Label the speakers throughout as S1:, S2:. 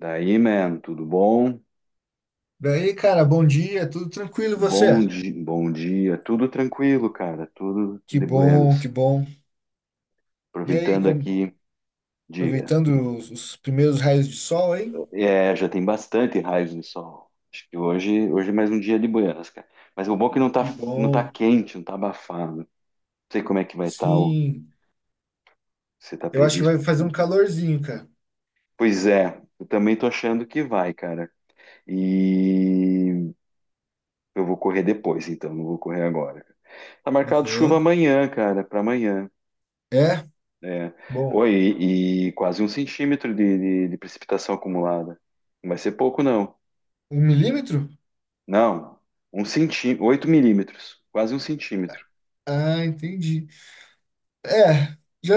S1: Daí, man, tudo bom?
S2: Daí, cara, bom dia, tudo tranquilo e você?
S1: Bom dia, tudo tranquilo, cara, tudo
S2: Que
S1: de
S2: bom, que
S1: buenos.
S2: bom. E aí,
S1: Aproveitando aqui, diga,
S2: aproveitando os primeiros raios de sol, hein?
S1: já tem bastante raios de sol. Acho que hoje é mais um dia de buenas, cara. Mas o bom é que
S2: Que
S1: não tá
S2: bom.
S1: quente, não tá abafado. Não sei como é que vai estar, o,
S2: Sim,
S1: se tá
S2: eu acho que vai
S1: previsto
S2: fazer um
S1: chuva.
S2: calorzinho, cara.
S1: Pois é, eu também tô achando que vai, cara. E eu vou correr depois, então, não vou correr agora. Tá marcado chuva
S2: Aham.
S1: amanhã, cara, pra amanhã.
S2: É?
S1: É.
S2: Bom.
S1: Oi, e quase um centímetro de precipitação acumulada. Não vai ser pouco, não.
S2: Um milímetro?
S1: Não, um centímetro, 8 mm, quase um centímetro.
S2: Ah, entendi. É, já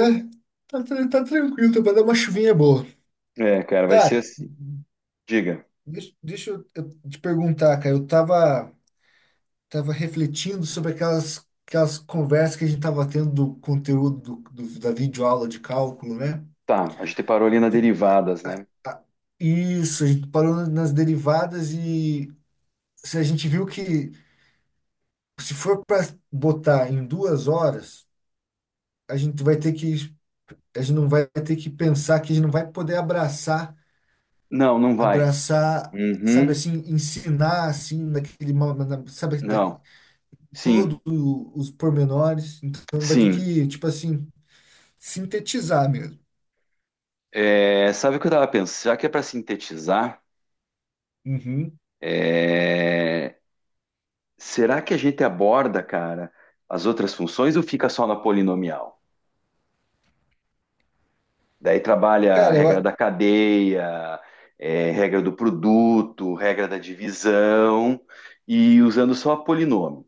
S2: tá tranquilo, tá pra dar uma chuvinha boa.
S1: É, cara, vai ser
S2: Cara,
S1: assim. Diga.
S2: deixa eu te perguntar, cara. Eu tava refletindo sobre aquelas conversas que a gente tava tendo do conteúdo da videoaula de cálculo, né?
S1: Tá, a gente parou ali na derivadas,
S2: A-
S1: né?
S2: a- Isso, a gente parou nas derivadas e se a gente viu que se for para botar em 2 horas, a gente vai ter que, a gente não vai ter que pensar que a gente não vai poder abraçar,
S1: Não, não vai.
S2: abraçar, sabe
S1: Uhum.
S2: assim, ensinar assim, naquele, sabe,
S1: Não.
S2: todos
S1: Sim,
S2: os pormenores. Então vai ter
S1: sim.
S2: que, tipo assim. Sintetizar mesmo.
S1: É, sabe o que eu tava pensando? Já que é para sintetizar,
S2: Uhum.
S1: é, será que a gente aborda, cara, as outras funções ou fica só na polinomial? Daí trabalha a
S2: Cara,
S1: regra da cadeia, regra do produto, regra da divisão, e usando só polinômio.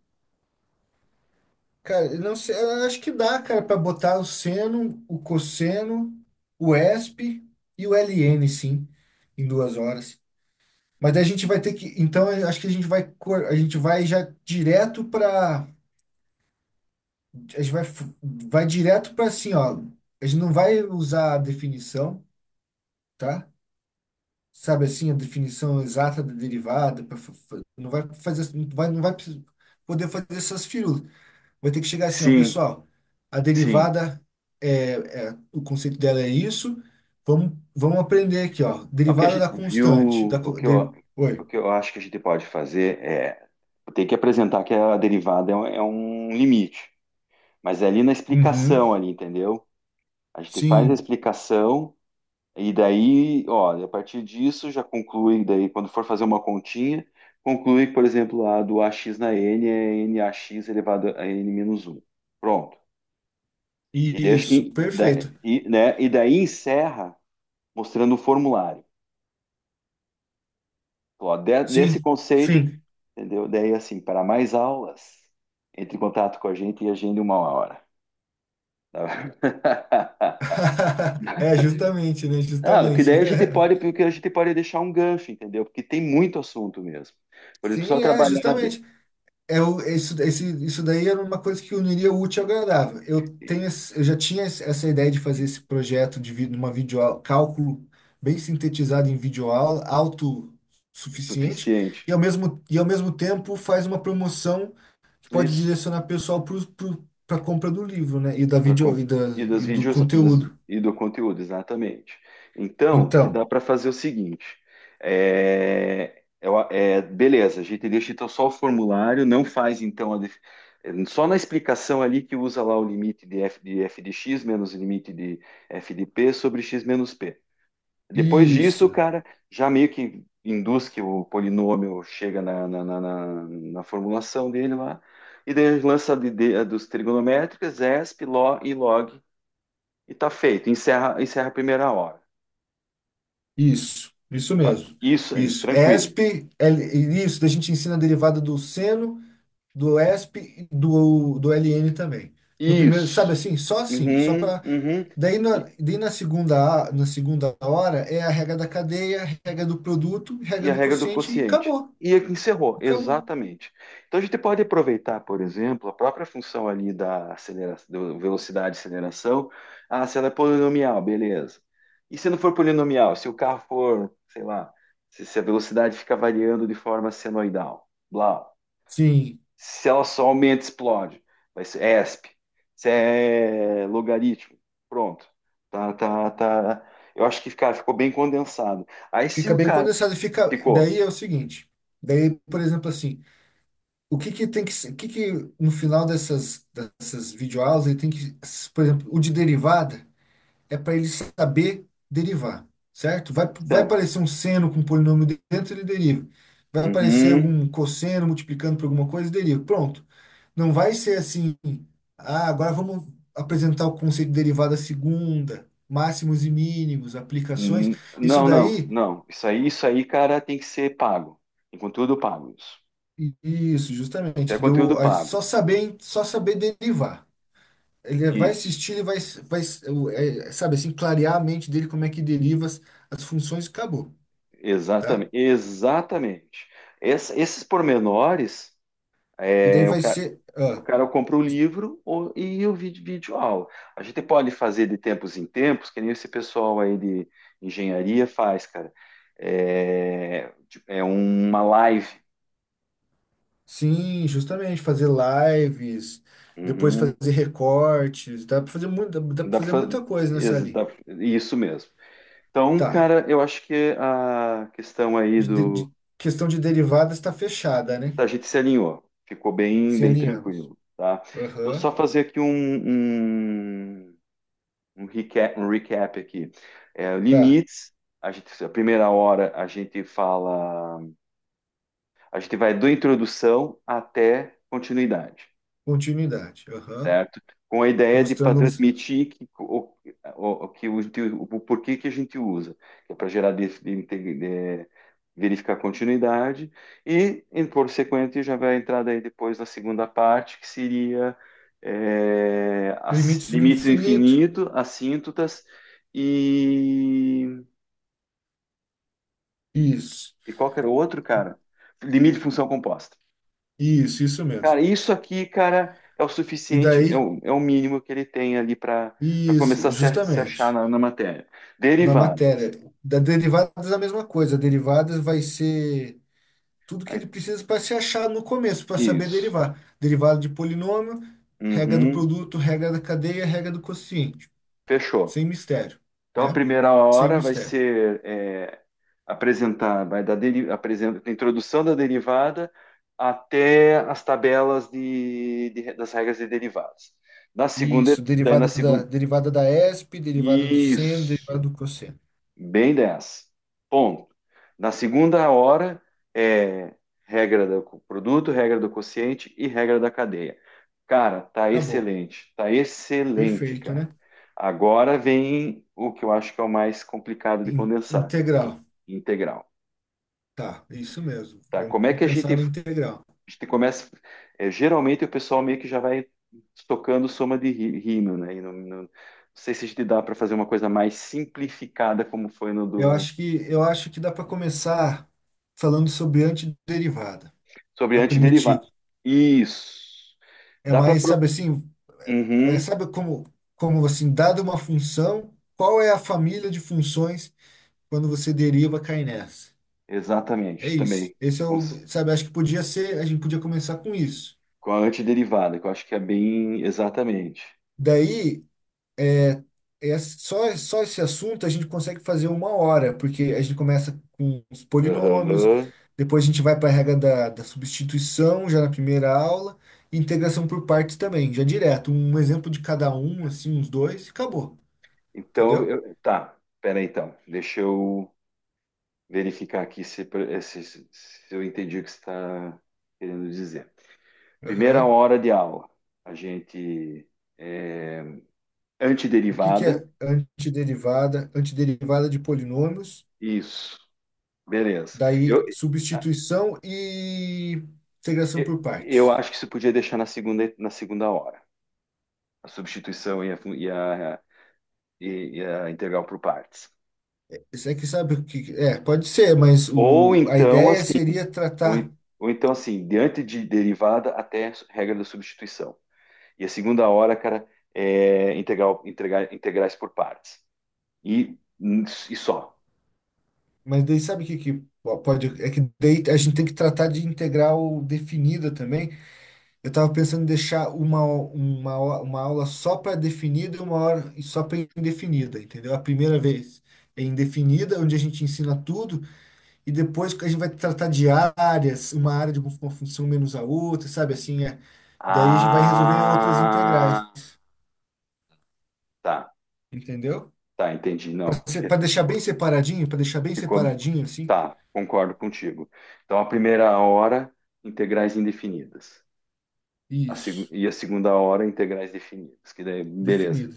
S2: eu não sei, eu acho que dá, cara, para botar o seno, o cosseno, o esp e o ln, sim, em 2 horas. Mas daí a gente vai ter que, então eu acho que a gente vai, a gente vai já direto para, a gente vai, vai direto para assim, ó, a gente não vai usar a definição, tá? Sabe assim, a definição exata da derivada, pra não vai fazer, não vai poder fazer essas firulas. Vai ter que chegar assim, ó,
S1: Sim,
S2: pessoal, a
S1: sim.
S2: derivada o conceito dela é isso. Vamos, vamos aprender aqui, ó.
S1: O que a
S2: Derivada
S1: gente
S2: da constante,
S1: viu, o que eu, o
S2: oi.
S1: que eu acho que a gente pode fazer é ter que apresentar que a derivada é um limite, mas é ali na
S2: Uhum.
S1: explicação ali, entendeu? A gente faz a
S2: Sim,
S1: explicação. E daí, ó, a partir disso já conclui, daí quando for fazer uma continha, conclui, por exemplo, a do AX na N é NAX elevado a N menos um. Pronto. E daí, acho
S2: isso,
S1: que, da-
S2: perfeito.
S1: e, né, e daí encerra mostrando o formulário. Então, ó, desse
S2: Sim,
S1: conceito,
S2: sim.
S1: entendeu? Daí, assim, para mais aulas, entre em contato com a gente e agende uma hora. Tá?
S2: É, justamente, né?
S1: Não, que
S2: Justamente.
S1: daí a gente pode, porque a gente pode deixar um gancho, entendeu? Porque tem muito assunto mesmo. Por exemplo, só
S2: Sim, é,
S1: trabalhar.
S2: justamente. Isso, isso daí era uma coisa que uniria o útil ao agradável. Eu já tinha essa ideia de fazer esse projeto numa videoaula, cálculo bem sintetizado em videoaula, autossuficiente, e
S1: Suficiente.
S2: ao mesmo tempo faz uma promoção que pode
S1: Isso,
S2: direcionar pessoal para a compra do livro, né? E da
S1: para
S2: vídeo e, da,
S1: e das
S2: E do
S1: vídeos
S2: conteúdo.
S1: e do conteúdo, exatamente. Então, que dá
S2: Então,
S1: para fazer é o seguinte: beleza, a gente deixa então só o formulário, não faz então a def- só na explicação ali que usa lá o limite de f de x menos o limite de f de p sobre x menos p. Depois disso,
S2: isso,
S1: cara, já meio que induz que o polinômio chega na formulação dele lá, e daí lança dos trigonométricas, ESP, LO e log, e tá feito. Encerra, encerra a primeira hora.
S2: isso mesmo.
S1: Isso aí,
S2: Isso.
S1: tranquilo.
S2: ESP, isso, da gente ensina a derivada do seno. Do ESP e do LN também. No primeiro, sabe
S1: Isso.
S2: assim? Só assim, só
S1: Uhum,
S2: para
S1: uhum.
S2: daí na segunda, na segunda hora é a regra da cadeia, a regra do produto,
S1: E
S2: regra
S1: a
S2: do
S1: regra do
S2: quociente e
S1: quociente.
S2: acabou.
S1: E encerrou,
S2: Acabou.
S1: exatamente. Então a gente pode aproveitar, por exemplo, a própria função ali da aceleração, do velocidade e aceleração. Ah, se ela é polinomial, beleza. E se não for polinomial, se o carro for, sei lá, se a velocidade fica variando de forma senoidal, blá.
S2: Sim,
S1: Se ela só aumenta, explode. Vai ser ESP. Se é logaritmo, pronto. Tá. Eu acho que, cara, ficou bem condensado. Aí se
S2: fica
S1: o
S2: bem
S1: cara
S2: condensado, fica
S1: ficou,
S2: daí é o seguinte, daí, por exemplo, assim, o que que no final dessas videoaulas ele tem que, por exemplo, o de derivada é para ele saber derivar, certo? Vai, vai
S1: sério.
S2: aparecer um seno com um polinômio dentro, ele deriva. Vai aparecer
S1: Uhum.
S2: algum cosseno multiplicando por alguma coisa, deriva. Pronto. Não vai ser assim, ah, agora vamos apresentar o conceito de derivada segunda, máximos e mínimos, aplicações. Isso
S1: Não, não,
S2: daí,
S1: não. Isso aí, cara, tem que ser pago. Tem conteúdo pago, isso.
S2: isso,
S1: Isso é
S2: justamente,
S1: conteúdo pago.
S2: só saber derivar. Ele vai
S1: Isso.
S2: assistir, vai, é, sabe assim, clarear a mente dele como é que deriva as funções e acabou, tá?
S1: Exatamente. Exatamente. Esses pormenores,
S2: E daí
S1: é, o
S2: vai
S1: cara,
S2: ser.
S1: o
S2: Ah,
S1: cara compra o livro e o vídeo, vídeo aula. A gente pode fazer de tempos em tempos, que nem esse pessoal aí de engenharia faz, cara. É, tipo, é uma live.
S2: sim, justamente, fazer lives, depois
S1: Uhum.
S2: fazer recortes, dá para fazer muito, dá para
S1: Dá para
S2: fazer
S1: fazer.
S2: muita coisa nessa
S1: Ex-
S2: ali.
S1: dá- Isso mesmo. Então,
S2: Tá.
S1: cara, eu acho que a questão aí do.
S2: Questão de derivadas está fechada, né?
S1: A gente se alinhou, ficou bem,
S2: Se
S1: bem
S2: alinhamos.
S1: tranquilo, tá? Então, só
S2: Aham.
S1: fazer aqui um, um recap aqui. É,
S2: Tá.
S1: limites, a primeira hora a gente fala, a gente vai do introdução até continuidade.
S2: Continuidade. Aham.
S1: Certo? Com a ideia de para
S2: Mostrando uns
S1: transmitir que o porquê que a gente usa, que é para gerar verificar continuidade e, em por sequente, já vai entrar daí depois na segunda parte, que seria as
S2: limites no
S1: limites do
S2: infinito.
S1: infinito, assíntotas e,
S2: Isso.
S1: e qual era o outro, cara? Limite de função composta.
S2: Isso mesmo.
S1: Cara, isso aqui, cara, é o
S2: E
S1: suficiente,
S2: daí,
S1: é o mínimo que ele tem ali para começar
S2: isso,
S1: a se achar
S2: justamente.
S1: na, na matéria.
S2: Na matéria.
S1: Derivadas.
S2: Da derivadas, é a mesma coisa. Derivadas vai ser. Tudo que ele
S1: Aí,
S2: precisa para se achar no começo, para saber
S1: isso.
S2: derivar. Derivada de polinômio, regra do
S1: Uhum.
S2: produto, regra da cadeia, regra do quociente.
S1: Fechou.
S2: Sem mistério,
S1: Então, a
S2: né?
S1: primeira
S2: Sem
S1: hora vai
S2: mistério.
S1: ser apresentar, apresenta, a introdução da derivada até as tabelas das regras de derivadas.
S2: Isso,
S1: Daí na segunda,
S2: derivada da ESP, derivada do seno, derivada
S1: isso.
S2: do cosseno.
S1: Bem 10. Ponto. Na segunda hora é regra do produto, regra do quociente e regra da cadeia. Cara,
S2: Acabou.
S1: tá excelente,
S2: Perfeito,
S1: cara.
S2: né?
S1: Agora vem o que eu acho que é o mais complicado de condensar, in-
S2: Integral.
S1: integral,
S2: Tá, isso mesmo.
S1: tá? Como é
S2: Vamos
S1: que
S2: pensar
S1: a
S2: na integral.
S1: gente começa? Geralmente o pessoal meio que já vai tocando soma de rímel, né? E não sei se a gente dá para fazer uma coisa mais simplificada como foi no
S2: Eu
S1: do.
S2: acho que, eu acho que dá para começar falando sobre antiderivada,
S1: Sobre
S2: a primitiva.
S1: antiderivados. Isso.
S2: É
S1: Dá para.
S2: mais, sabe assim, é,
S1: Uhum,
S2: sabe como, como assim, dada uma função, qual é a família de funções quando você deriva, cai nessa. É
S1: exatamente,
S2: isso.
S1: também.
S2: Esse é
S1: Com,
S2: o, sabe, acho que podia ser, a gente podia começar com isso.
S1: com a antiderivada, que eu acho que é bem. Exatamente.
S2: Daí, é, só, só esse assunto a gente consegue fazer uma hora, porque a gente começa com os polinômios,
S1: Aham.
S2: depois a gente vai para a regra da substituição, já na primeira aula, e integração por partes também, já direto, um exemplo de cada um, assim, uns dois, e acabou.
S1: Então,
S2: Entendeu?
S1: tá. Pera aí, então. Deixa eu verificar aqui se eu entendi o que você está querendo dizer. Primeira
S2: Aham.
S1: hora de aula, a gente. É,
S2: O que que
S1: antiderivada.
S2: é antiderivada? Antiderivada de polinômios,
S1: Isso. Beleza.
S2: daí
S1: Eu, eh,
S2: substituição e integração por
S1: eu
S2: partes.
S1: acho que você podia deixar na segunda hora. A substituição e a integral por partes.
S2: Isso é que sabe o que. É, pode ser, mas
S1: Ou
S2: o, a
S1: então, assim,
S2: ideia seria
S1: ou,
S2: tratar.
S1: ou então, assim, diante de derivada até regra da substituição. E a segunda hora, cara, é integral, integrar, integrais por partes. E, e só.
S2: Mas daí sabe o que, que pode. É que daí a gente tem que tratar de integral definida também. Eu estava pensando em deixar uma aula só para definida e uma hora só para indefinida, entendeu? A primeira vez é indefinida, onde a gente ensina tudo. E depois a gente vai tratar de áreas, uma área de uma função menos a outra, sabe assim? É. Daí a gente vai resolver outras integrais,
S1: Ah, tá,
S2: entendeu?
S1: tá, entendi. Não, acho que
S2: Para
S1: até
S2: deixar bem
S1: ficou,
S2: separadinho, para deixar bem
S1: ficou,
S2: separadinho assim,
S1: tá, concordo contigo. Então, a primeira hora, integrais indefinidas.
S2: isso,
S1: E a segunda hora, integrais definidas. Que daí, beleza.
S2: definido.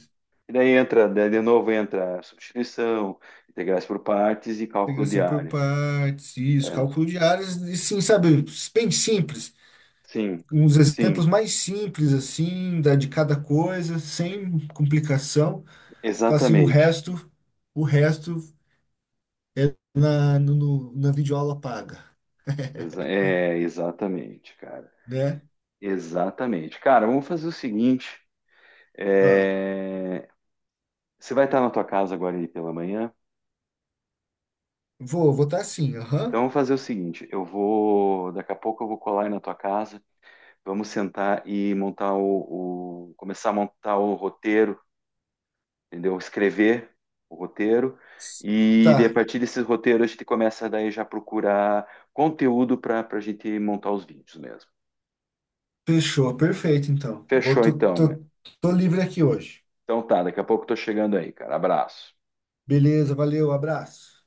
S1: E daí entra, daí de novo entra substituição, integrais por partes e cálculo de
S2: Integração por
S1: área.
S2: partes, isso,
S1: É,
S2: cálculo de áreas, e sim, sabe, bem simples.
S1: sim,
S2: Uns
S1: sim,
S2: exemplos mais simples, assim, da, de cada coisa, sem complicação. Fala assim,
S1: exatamente.
S2: o resto é na, no, na videoaula paga,
S1: Exatamente, cara.
S2: né?
S1: Exatamente. Cara, vamos fazer o seguinte.
S2: Ah,
S1: é, Você vai estar na tua casa agora aí pela manhã?
S2: vou, vou tá sim,
S1: Então
S2: aham.
S1: vamos fazer o seguinte, eu vou, daqui a pouco eu vou colar aí na tua casa, vamos sentar e montar começar a montar o roteiro, entendeu? Escrever o roteiro e a
S2: Tá,
S1: partir desses roteiros a gente começa daí já a procurar conteúdo para a gente montar os vídeos mesmo.
S2: fechou, perfeito então. Vou,
S1: Fechou
S2: tô,
S1: então, mano.
S2: livre aqui hoje.
S1: Então tá, daqui a pouco eu tô chegando aí, cara. Abraço.
S2: Beleza, valeu, abraço.